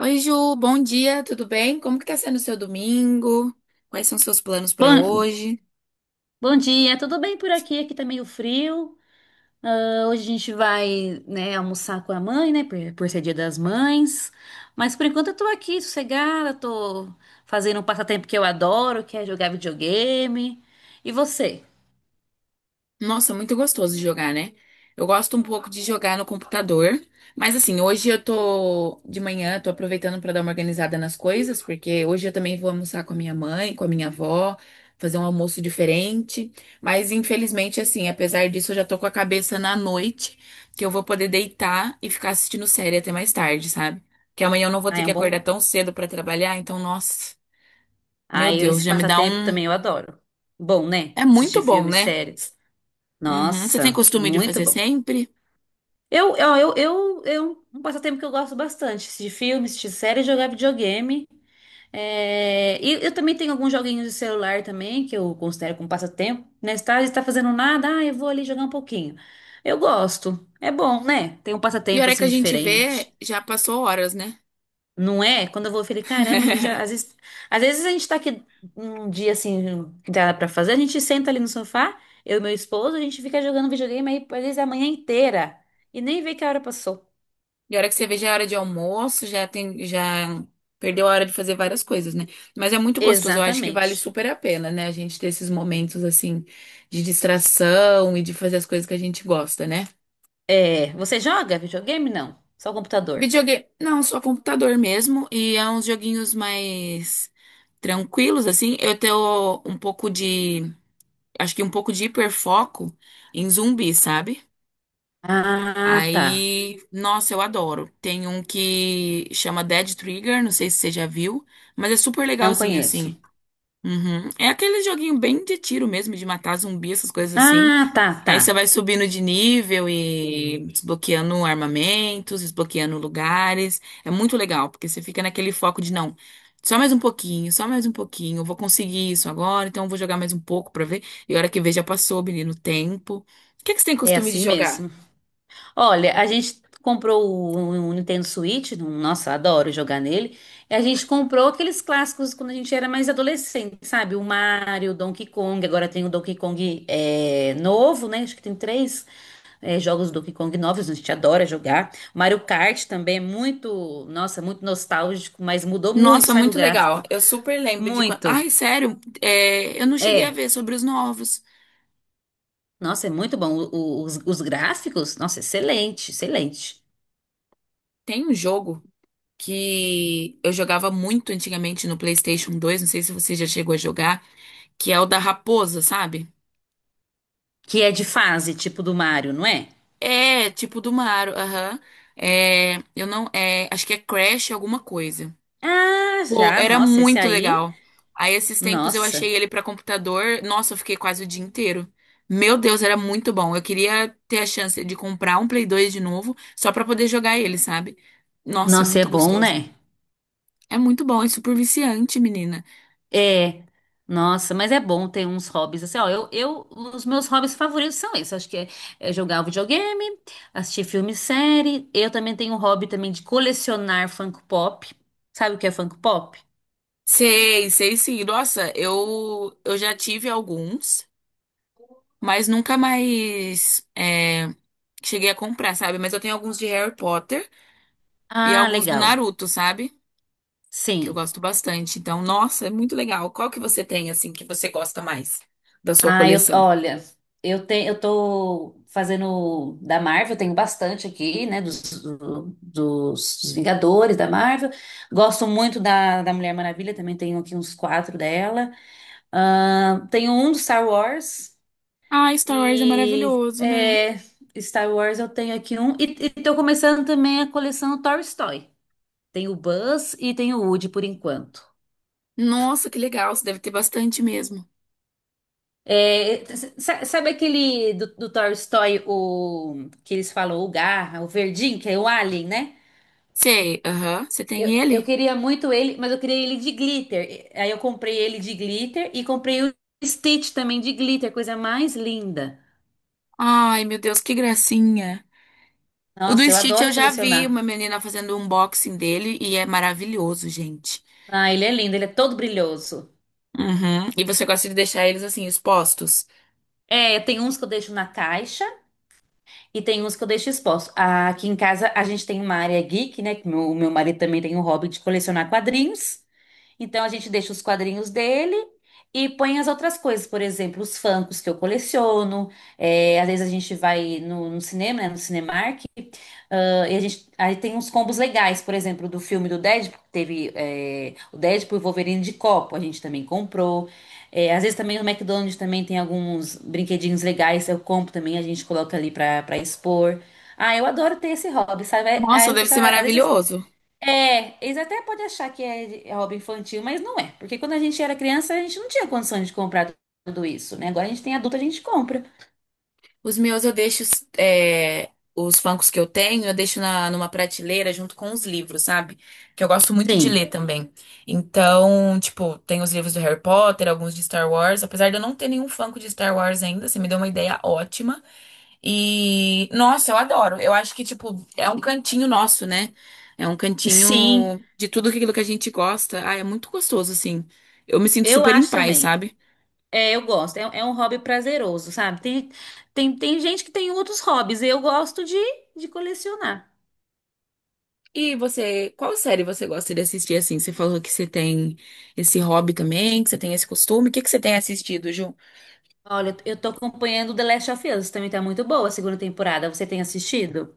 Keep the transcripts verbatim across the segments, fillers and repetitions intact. Oi, Ju, bom dia, tudo bem? Como que tá sendo o seu domingo? Quais são os seus planos para Bom, hoje? bom dia, tudo bem por aqui? Aqui tá meio frio. Ah, hoje a gente vai, né, almoçar com a mãe, né, por, por ser Dia das Mães. Mas por enquanto eu tô aqui sossegada, tô fazendo um passatempo que eu adoro, que é jogar videogame. E você? Nossa, muito gostoso de jogar, né? Eu gosto um pouco de jogar no computador, mas assim, hoje eu tô de manhã, tô aproveitando pra dar uma organizada nas coisas, porque hoje eu também vou almoçar com a minha mãe, com a minha avó, fazer um almoço diferente. Mas infelizmente, assim, apesar disso, eu já tô com a cabeça na noite, que eu vou poder deitar e ficar assistindo série até mais tarde, sabe? Que amanhã eu não vou Ah, ter é que um acordar bom? tão cedo pra trabalhar, então, nossa, Ah, meu eu- Deus, esse já me dá passatempo um. também eu adoro. Bom, né? É Assistir muito bom, filmes, né? séries. Uhum. Você tem Nossa, costume de muito fazer bom. sempre? Eu, eu, eu, eu, eu, um passatempo que eu gosto bastante, assistir filmes, assistir séries, jogar videogame. É, e eu também tenho alguns joguinhos de celular também, que eu considero como passatempo. Né? Se tá, se tá fazendo nada, ah, eu vou ali jogar um pouquinho. Eu gosto. É bom, né? Tem um E a passatempo hora que assim a gente diferente. vê, já passou horas, né? Não é? Quando eu vou, eu falei, caramba, a gente já, às vezes, às vezes a gente tá aqui um dia assim, que dá pra fazer, a gente senta ali no sofá, eu e meu esposo, a gente fica jogando videogame aí, às vezes a manhã inteira. E nem vê que a hora passou. E a hora que você vê, já é hora de almoço, já tem, já perdeu a hora de fazer várias coisas, né? Mas é muito gostoso, eu acho que vale Exatamente. super a pena, né? A gente ter esses momentos assim de distração e de fazer as coisas que a gente gosta, né? É, você joga videogame? Não, só o computador. Videogame, não, só computador mesmo e é uns joguinhos mais tranquilos assim. Eu tenho um pouco de, acho que um pouco de hiperfoco em zumbi, sabe? Ah, tá. Aí, nossa, eu adoro. Tem um que chama Dead Trigger, não sei se você já viu, mas é super Não legalzinho assim. conheço. Uhum. É aquele joguinho bem de tiro mesmo, de matar zumbi, essas coisas assim. Ah, tá, tá. Aí você vai subindo de nível e desbloqueando armamentos, desbloqueando lugares. É muito legal, porque você fica naquele foco de não, só mais um pouquinho, só mais um pouquinho, eu vou conseguir isso agora, então eu vou jogar mais um pouco pra ver. E a hora que vê já passou, menino, o tempo. O que é que você tem É costume de assim jogar? mesmo. Olha, a gente comprou o, o Nintendo Switch, um- nossa, adoro jogar nele. E a gente comprou aqueles clássicos quando a gente era mais adolescente, sabe? O Mario, o Donkey Kong. Agora tem o Donkey Kong é, novo, né? Acho que tem três é, jogos do Donkey Kong novos, a gente adora jogar. Mario Kart também é muito, nossa, muito nostálgico, mas mudou muito, Nossa, sabe? O muito legal. gráfico. Eu super lembro de quando. Muito. Ai, sério, é, eu não cheguei a É. ver sobre os novos. Nossa, é muito bom. O- o- os, os gráficos, nossa, excelente, excelente. Tem um jogo que eu jogava muito antigamente no PlayStation dois, não sei se você já chegou a jogar, que é o da raposa, sabe? Que é de fase, tipo do Mario, não é? É, tipo do Mario, aham. É, eu não, é, acho que é Crash alguma coisa. Ah, Pô, já, era nossa, esse muito aí, legal. Aí esses tempos eu achei nossa. ele pra computador. Nossa, eu fiquei quase o dia inteiro. Meu Deus, era muito bom. Eu queria ter a chance de comprar um Play dois de novo, só pra poder jogar ele, sabe? Nossa, é Nossa, é muito bom, gostoso. né? É muito bom, é super viciante, menina. É. Nossa, mas é bom ter uns hobbies assim, ó, eu, eu, os meus hobbies favoritos são esses, acho que é, é jogar o videogame, assistir filme e série, eu também tenho um hobby também de colecionar Funko Pop, sabe o que é Funko Pop? Sei, sei sim. Nossa, eu, eu já tive alguns, mas nunca mais é, cheguei a comprar, sabe? Mas eu tenho alguns de Harry Potter e Ah, alguns do legal, Naruto, sabe? Que eu sim. gosto bastante. Então, nossa, é muito legal. Qual que você tem, assim, que você gosta mais da sua Ah, eu, coleção? olha, eu tenho, eu tô fazendo da Marvel, tenho bastante aqui, né, dos, do- dos, dos Vingadores da Marvel. Gosto muito da, da Mulher Maravilha, também tenho aqui uns quatro dela. Ah, tenho um do Star Wars Ah, Star Wars é e maravilhoso, né? é, Star Wars eu tenho aqui um. E, e tô começando também a coleção Toy Story. Tem o Buzz e tem o Woody por enquanto. Nossa, que legal. Você deve ter bastante mesmo. É, sa- sabe aquele do, do Toy Story, o, que eles falam, o Garra, o Verdinho, que é o Alien, né? Sei, aham. Você Eu, tem eu ele? queria muito ele, mas eu queria ele de glitter. Aí eu comprei ele de glitter e comprei o Stitch também de glitter, coisa mais linda. Ai, meu Deus, que gracinha. O do Nossa, eu Stitch eu adoro já vi colecionar. uma menina fazendo um unboxing dele e é maravilhoso, gente. Ah, ele é lindo, ele é todo brilhoso. Uhum. E você gosta de deixar eles, assim, expostos? É, tem uns que eu deixo na caixa e tem uns que eu deixo exposto. Ah, aqui em casa a gente tem uma área geek, né? Que meu, meu marido também tem um hobby de colecionar quadrinhos. Então a gente deixa os quadrinhos dele e põe as outras coisas, por exemplo, os Funkos que eu coleciono. É, às vezes a gente vai no, no cinema, né, no Cinemark, ah, e a gente, aí tem uns combos legais, por exemplo, do filme do Deadpool, que teve é, o Deadpool e o Wolverine de copo, a gente também comprou. É, às vezes também no McDonald's também tem alguns brinquedinhos legais, eu compro também, a gente coloca ali pra, pra expor. Ah, eu adoro ter esse hobby, sabe? Nossa, Aí, o deve ser pessoal, às vezes maravilhoso. é, eles até podem achar que é, de- é hobby infantil, mas não é. Porque quando a gente era criança, a gente não tinha condições de comprar tudo isso, né? Agora a gente tem adulto, a gente compra. Os meus eu deixo, é, os funkos que eu tenho, eu deixo na, numa prateleira junto com os livros, sabe? Que eu gosto muito de Sim, ler também. Então, tipo, tem os livros do Harry Potter, alguns de Star Wars. Apesar de eu não ter nenhum funko de Star Wars ainda, você me deu uma ideia ótima. E, nossa, eu adoro. Eu acho que, tipo, é um cantinho nosso, né? É um sim, cantinho de tudo aquilo que a gente gosta. Ah, é muito gostoso, assim. Eu me sinto eu super em acho paz, também. sabe? É, eu gosto. É, é um hobby prazeroso, sabe? Tem, tem, tem gente que tem outros hobbies. Eu gosto de, de colecionar. E você, qual série você gosta de assistir assim? Você falou que você tem esse hobby também, que você tem esse costume. O que que você tem assistido, Ju? Olha, eu tô acompanhando The Last of Us, também tá muito boa a segunda temporada. Você tem assistido?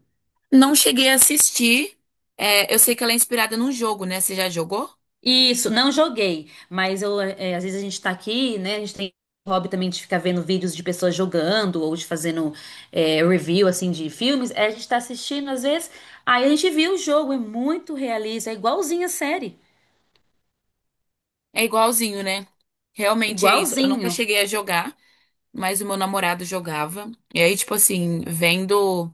Não cheguei a assistir. É, eu sei que ela é inspirada num jogo, né? Você já jogou? Isso, não joguei, mas eu, é, às vezes a gente tá aqui, né? A gente tem o hobby também de ficar vendo vídeos de pessoas jogando ou de fazendo é, review, assim, de filmes. Aí a gente tá assistindo, às vezes, aí a gente viu o jogo, é muito realista, é igualzinho a série, É igualzinho, né? Realmente é isso. Eu nunca igualzinho. cheguei a jogar, mas o meu namorado jogava. E aí, tipo assim, vendo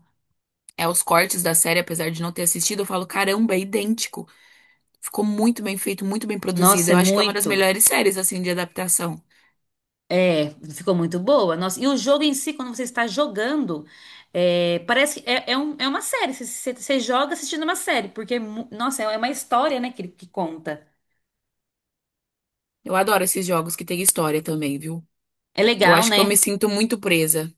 é, os cortes da série, apesar de não ter assistido, eu falo, caramba, é idêntico. Ficou muito bem feito, muito bem produzido. Nossa, Eu é acho que é uma das muito, melhores séries, assim, de adaptação. é, ficou muito boa. Nossa, e o jogo em si, quando você está jogando, é, parece que é, é, um- é uma série, você, você- você joga assistindo uma série, porque, é mu- nossa, é uma história, né, que, que conta. Eu adoro esses jogos que tem história também, viu? É Eu legal, acho que eu me né? sinto muito presa.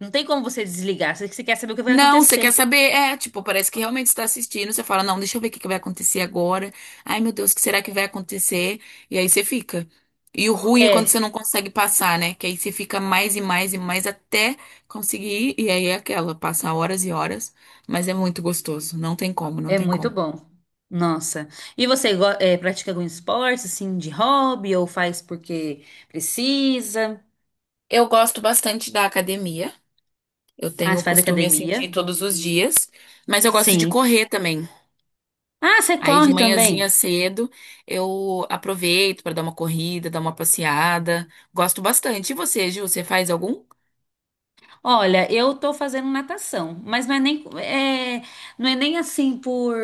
Não tem como você desligar. Você você quer saber o que vai Não, você quer acontecer. saber? É, tipo, parece que realmente está assistindo. Você fala, não, deixa eu ver o que que vai acontecer agora. Ai, meu Deus, o que será que vai acontecer? E aí você fica. E o ruim é quando você É, não consegue passar, né? Que aí você fica mais e mais e mais até conseguir. E aí é aquela, passa horas e horas. Mas é muito gostoso. Não tem como, não é tem muito como. bom. Nossa. E você go- é, pratica algum esporte, assim, de hobby, ou faz porque precisa? Eu gosto bastante da academia. Eu Ah, tenho o você faz costume assim de academia? ir todos os dias. Mas eu gosto de Sim. correr também. Ah, você Aí de corre manhãzinha também? cedo eu aproveito para dar uma corrida, dar uma passeada. Gosto bastante. E você, Gil, você faz algum? Olha, eu tô fazendo natação, mas não é nem, é, não é nem assim por,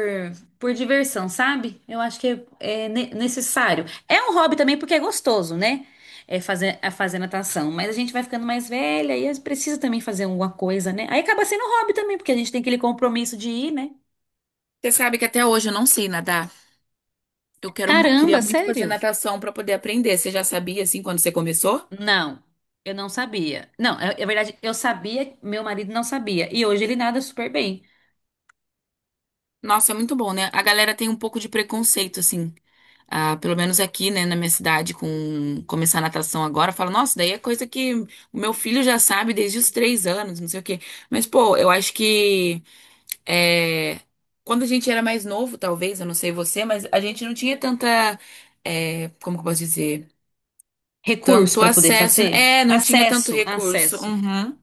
por diversão, sabe? Eu acho que é, é ne- necessário. É um hobby também porque é gostoso, né? É fazer, a fazer natação, mas a gente vai ficando mais velha e precisa também fazer alguma coisa, né? Aí acaba sendo um hobby também, porque a gente tem aquele compromisso de ir, né? Você sabe que até hoje eu não sei nadar. Eu quero, mu- queria Caramba, muito fazer sério? natação para poder aprender. Você já sabia assim quando você começou? Não, eu não sabia. Não, é, é verdade, eu sabia, meu marido não sabia. E hoje ele nada super bem. Nossa, é muito bom, né? A galera tem um pouco de preconceito assim, ah, pelo menos aqui, né, na minha cidade, com começar natação agora. Fala, nossa, daí é coisa que o meu filho já sabe desde os três anos, não sei o quê. Mas pô, eu acho que É, quando a gente era mais novo, talvez, eu não sei você, mas a gente não tinha tanta, é, como que eu posso dizer? Recurso Tanto para poder acesso. Né? fazer? É, não tinha tanto Acesso, recurso. acesso. Uhum.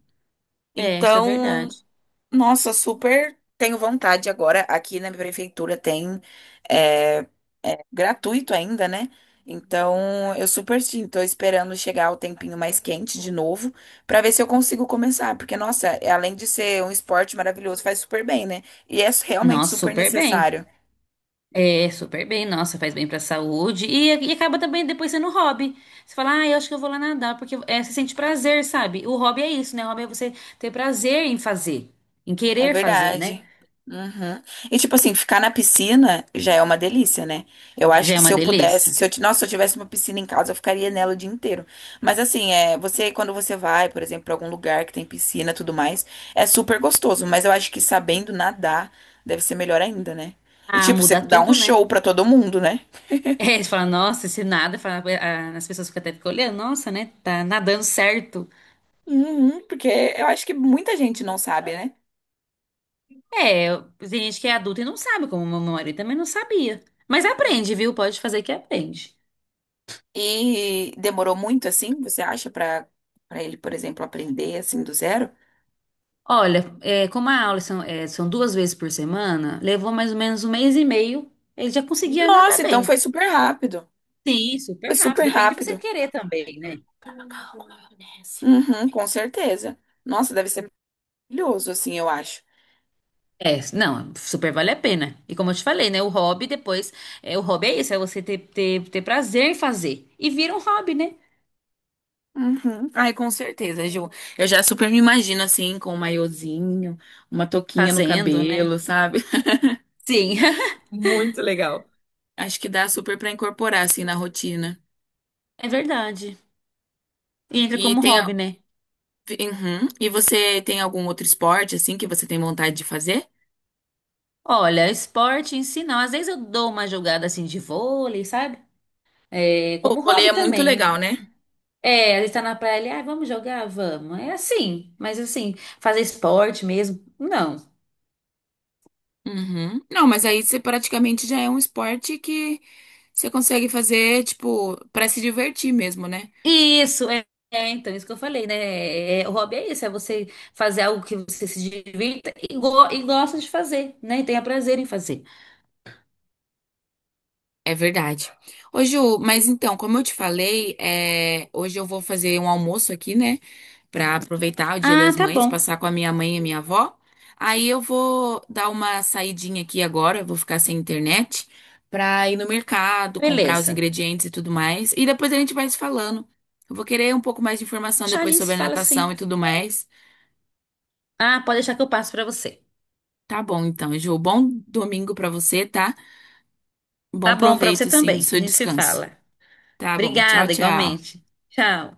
É, isso é verdade. Então, nossa, super tenho vontade agora. Aqui na minha prefeitura tem é, é gratuito ainda, né? Então eu super sim, tô esperando chegar o tempinho mais quente de novo pra ver se eu consigo começar, porque nossa, além de ser um esporte maravilhoso, faz super bem, né? E é realmente Nossa, super super bem. necessário. É, super bem. Nossa, faz bem pra saúde. E, e acaba também depois sendo um hobby. Você fala, ah, eu acho que eu vou lá nadar, porque é, você sente prazer, sabe? O hobby é isso, né? O hobby é você ter prazer em fazer, em É querer fazer, né? verdade. Uhum. E tipo assim, ficar na piscina já é uma delícia, né? Eu acho Já é que se uma eu pudesse, delícia. se eu, ti- nossa, se eu tivesse uma piscina em casa, eu ficaria nela o dia inteiro. Mas assim, é, você quando você vai, por exemplo, para algum lugar que tem piscina, e tudo mais, é super gostoso, mas eu acho que sabendo nadar deve ser melhor ainda, né? E Ah, tipo, você muda dá um tudo, show né? pra todo mundo, né? É, você fala, nossa, esse nada, fala, ah, as pessoas ficam até ficam olhando, nossa, né? Tá nadando certo. Uhum, porque eu acho que muita gente não sabe, né? É, eu- tem gente que é adulta e não sabe, como meu marido também não sabia. Mas aprende, viu? Pode fazer que aprende. E demorou muito assim, você acha, pra para ele, por exemplo, aprender assim do zero? Olha, é, como a aula são, é, são duas vezes por semana, levou mais ou menos um mês e meio, ele já conseguia nadar Nossa, então bem. foi super rápido. Sim, Foi super rápido. super Depende de você rápido. querer também, né? Uhum, com certeza. Nossa, deve ser maravilhoso, assim, eu acho. É, não, super vale a pena. E como eu te falei, né? O hobby depois, é, o hobby é isso, é você ter, ter, ter prazer em fazer. E vira um hobby, né? Uhum. Ai, com certeza, Ju. Eu já super me imagino, assim, com um maiozinho, uma touquinha no Fazendo, né? cabelo, sabe? Sim. Muito legal. Acho que dá super pra incorporar, assim, na rotina. É verdade. E entra E como tem. A- hobby, né? Uhum. E você tem algum outro esporte, assim, que você tem vontade de fazer? Olha, esporte em si não. Às vezes eu dou uma jogada assim de vôlei, sabe? É, O como vôlei hobby é muito também. legal, né? É, a gente tá na praia ali, ah, vamos jogar? Vamos. É assim, mas assim, fazer esporte mesmo? Não. Uhum. Não, mas aí você praticamente já é um esporte que você consegue fazer, tipo, pra se divertir mesmo, né? Isso, é, é, então, isso que eu falei, né? É, é, o hobby é isso, é você fazer algo que você se divirta e, go- e gosta de fazer, né? E tenha prazer em fazer. É verdade. Ô, Ju, mas então, como eu te falei, é, hoje eu vou fazer um almoço aqui, né? Pra aproveitar o Dia Ah, das tá Mães, bom. passar com a minha mãe e a minha avó. Aí eu vou dar uma saidinha aqui agora, eu vou ficar sem internet, pra ir no mercado, comprar os Beleza. ingredientes e tudo mais. E depois a gente vai se falando. Eu vou querer um pouco mais de informação Deixa, a depois gente se sobre a fala natação assim. e tudo mais. Ah, pode deixar que eu passo pra você. Tá bom, então, Ju. Bom domingo pra você, tá? Bom Tá bom, pra você proveito, sim, do também. A seu gente se descanso. fala. Tá bom. Tchau, Obrigada, tchau. igualmente. Tchau.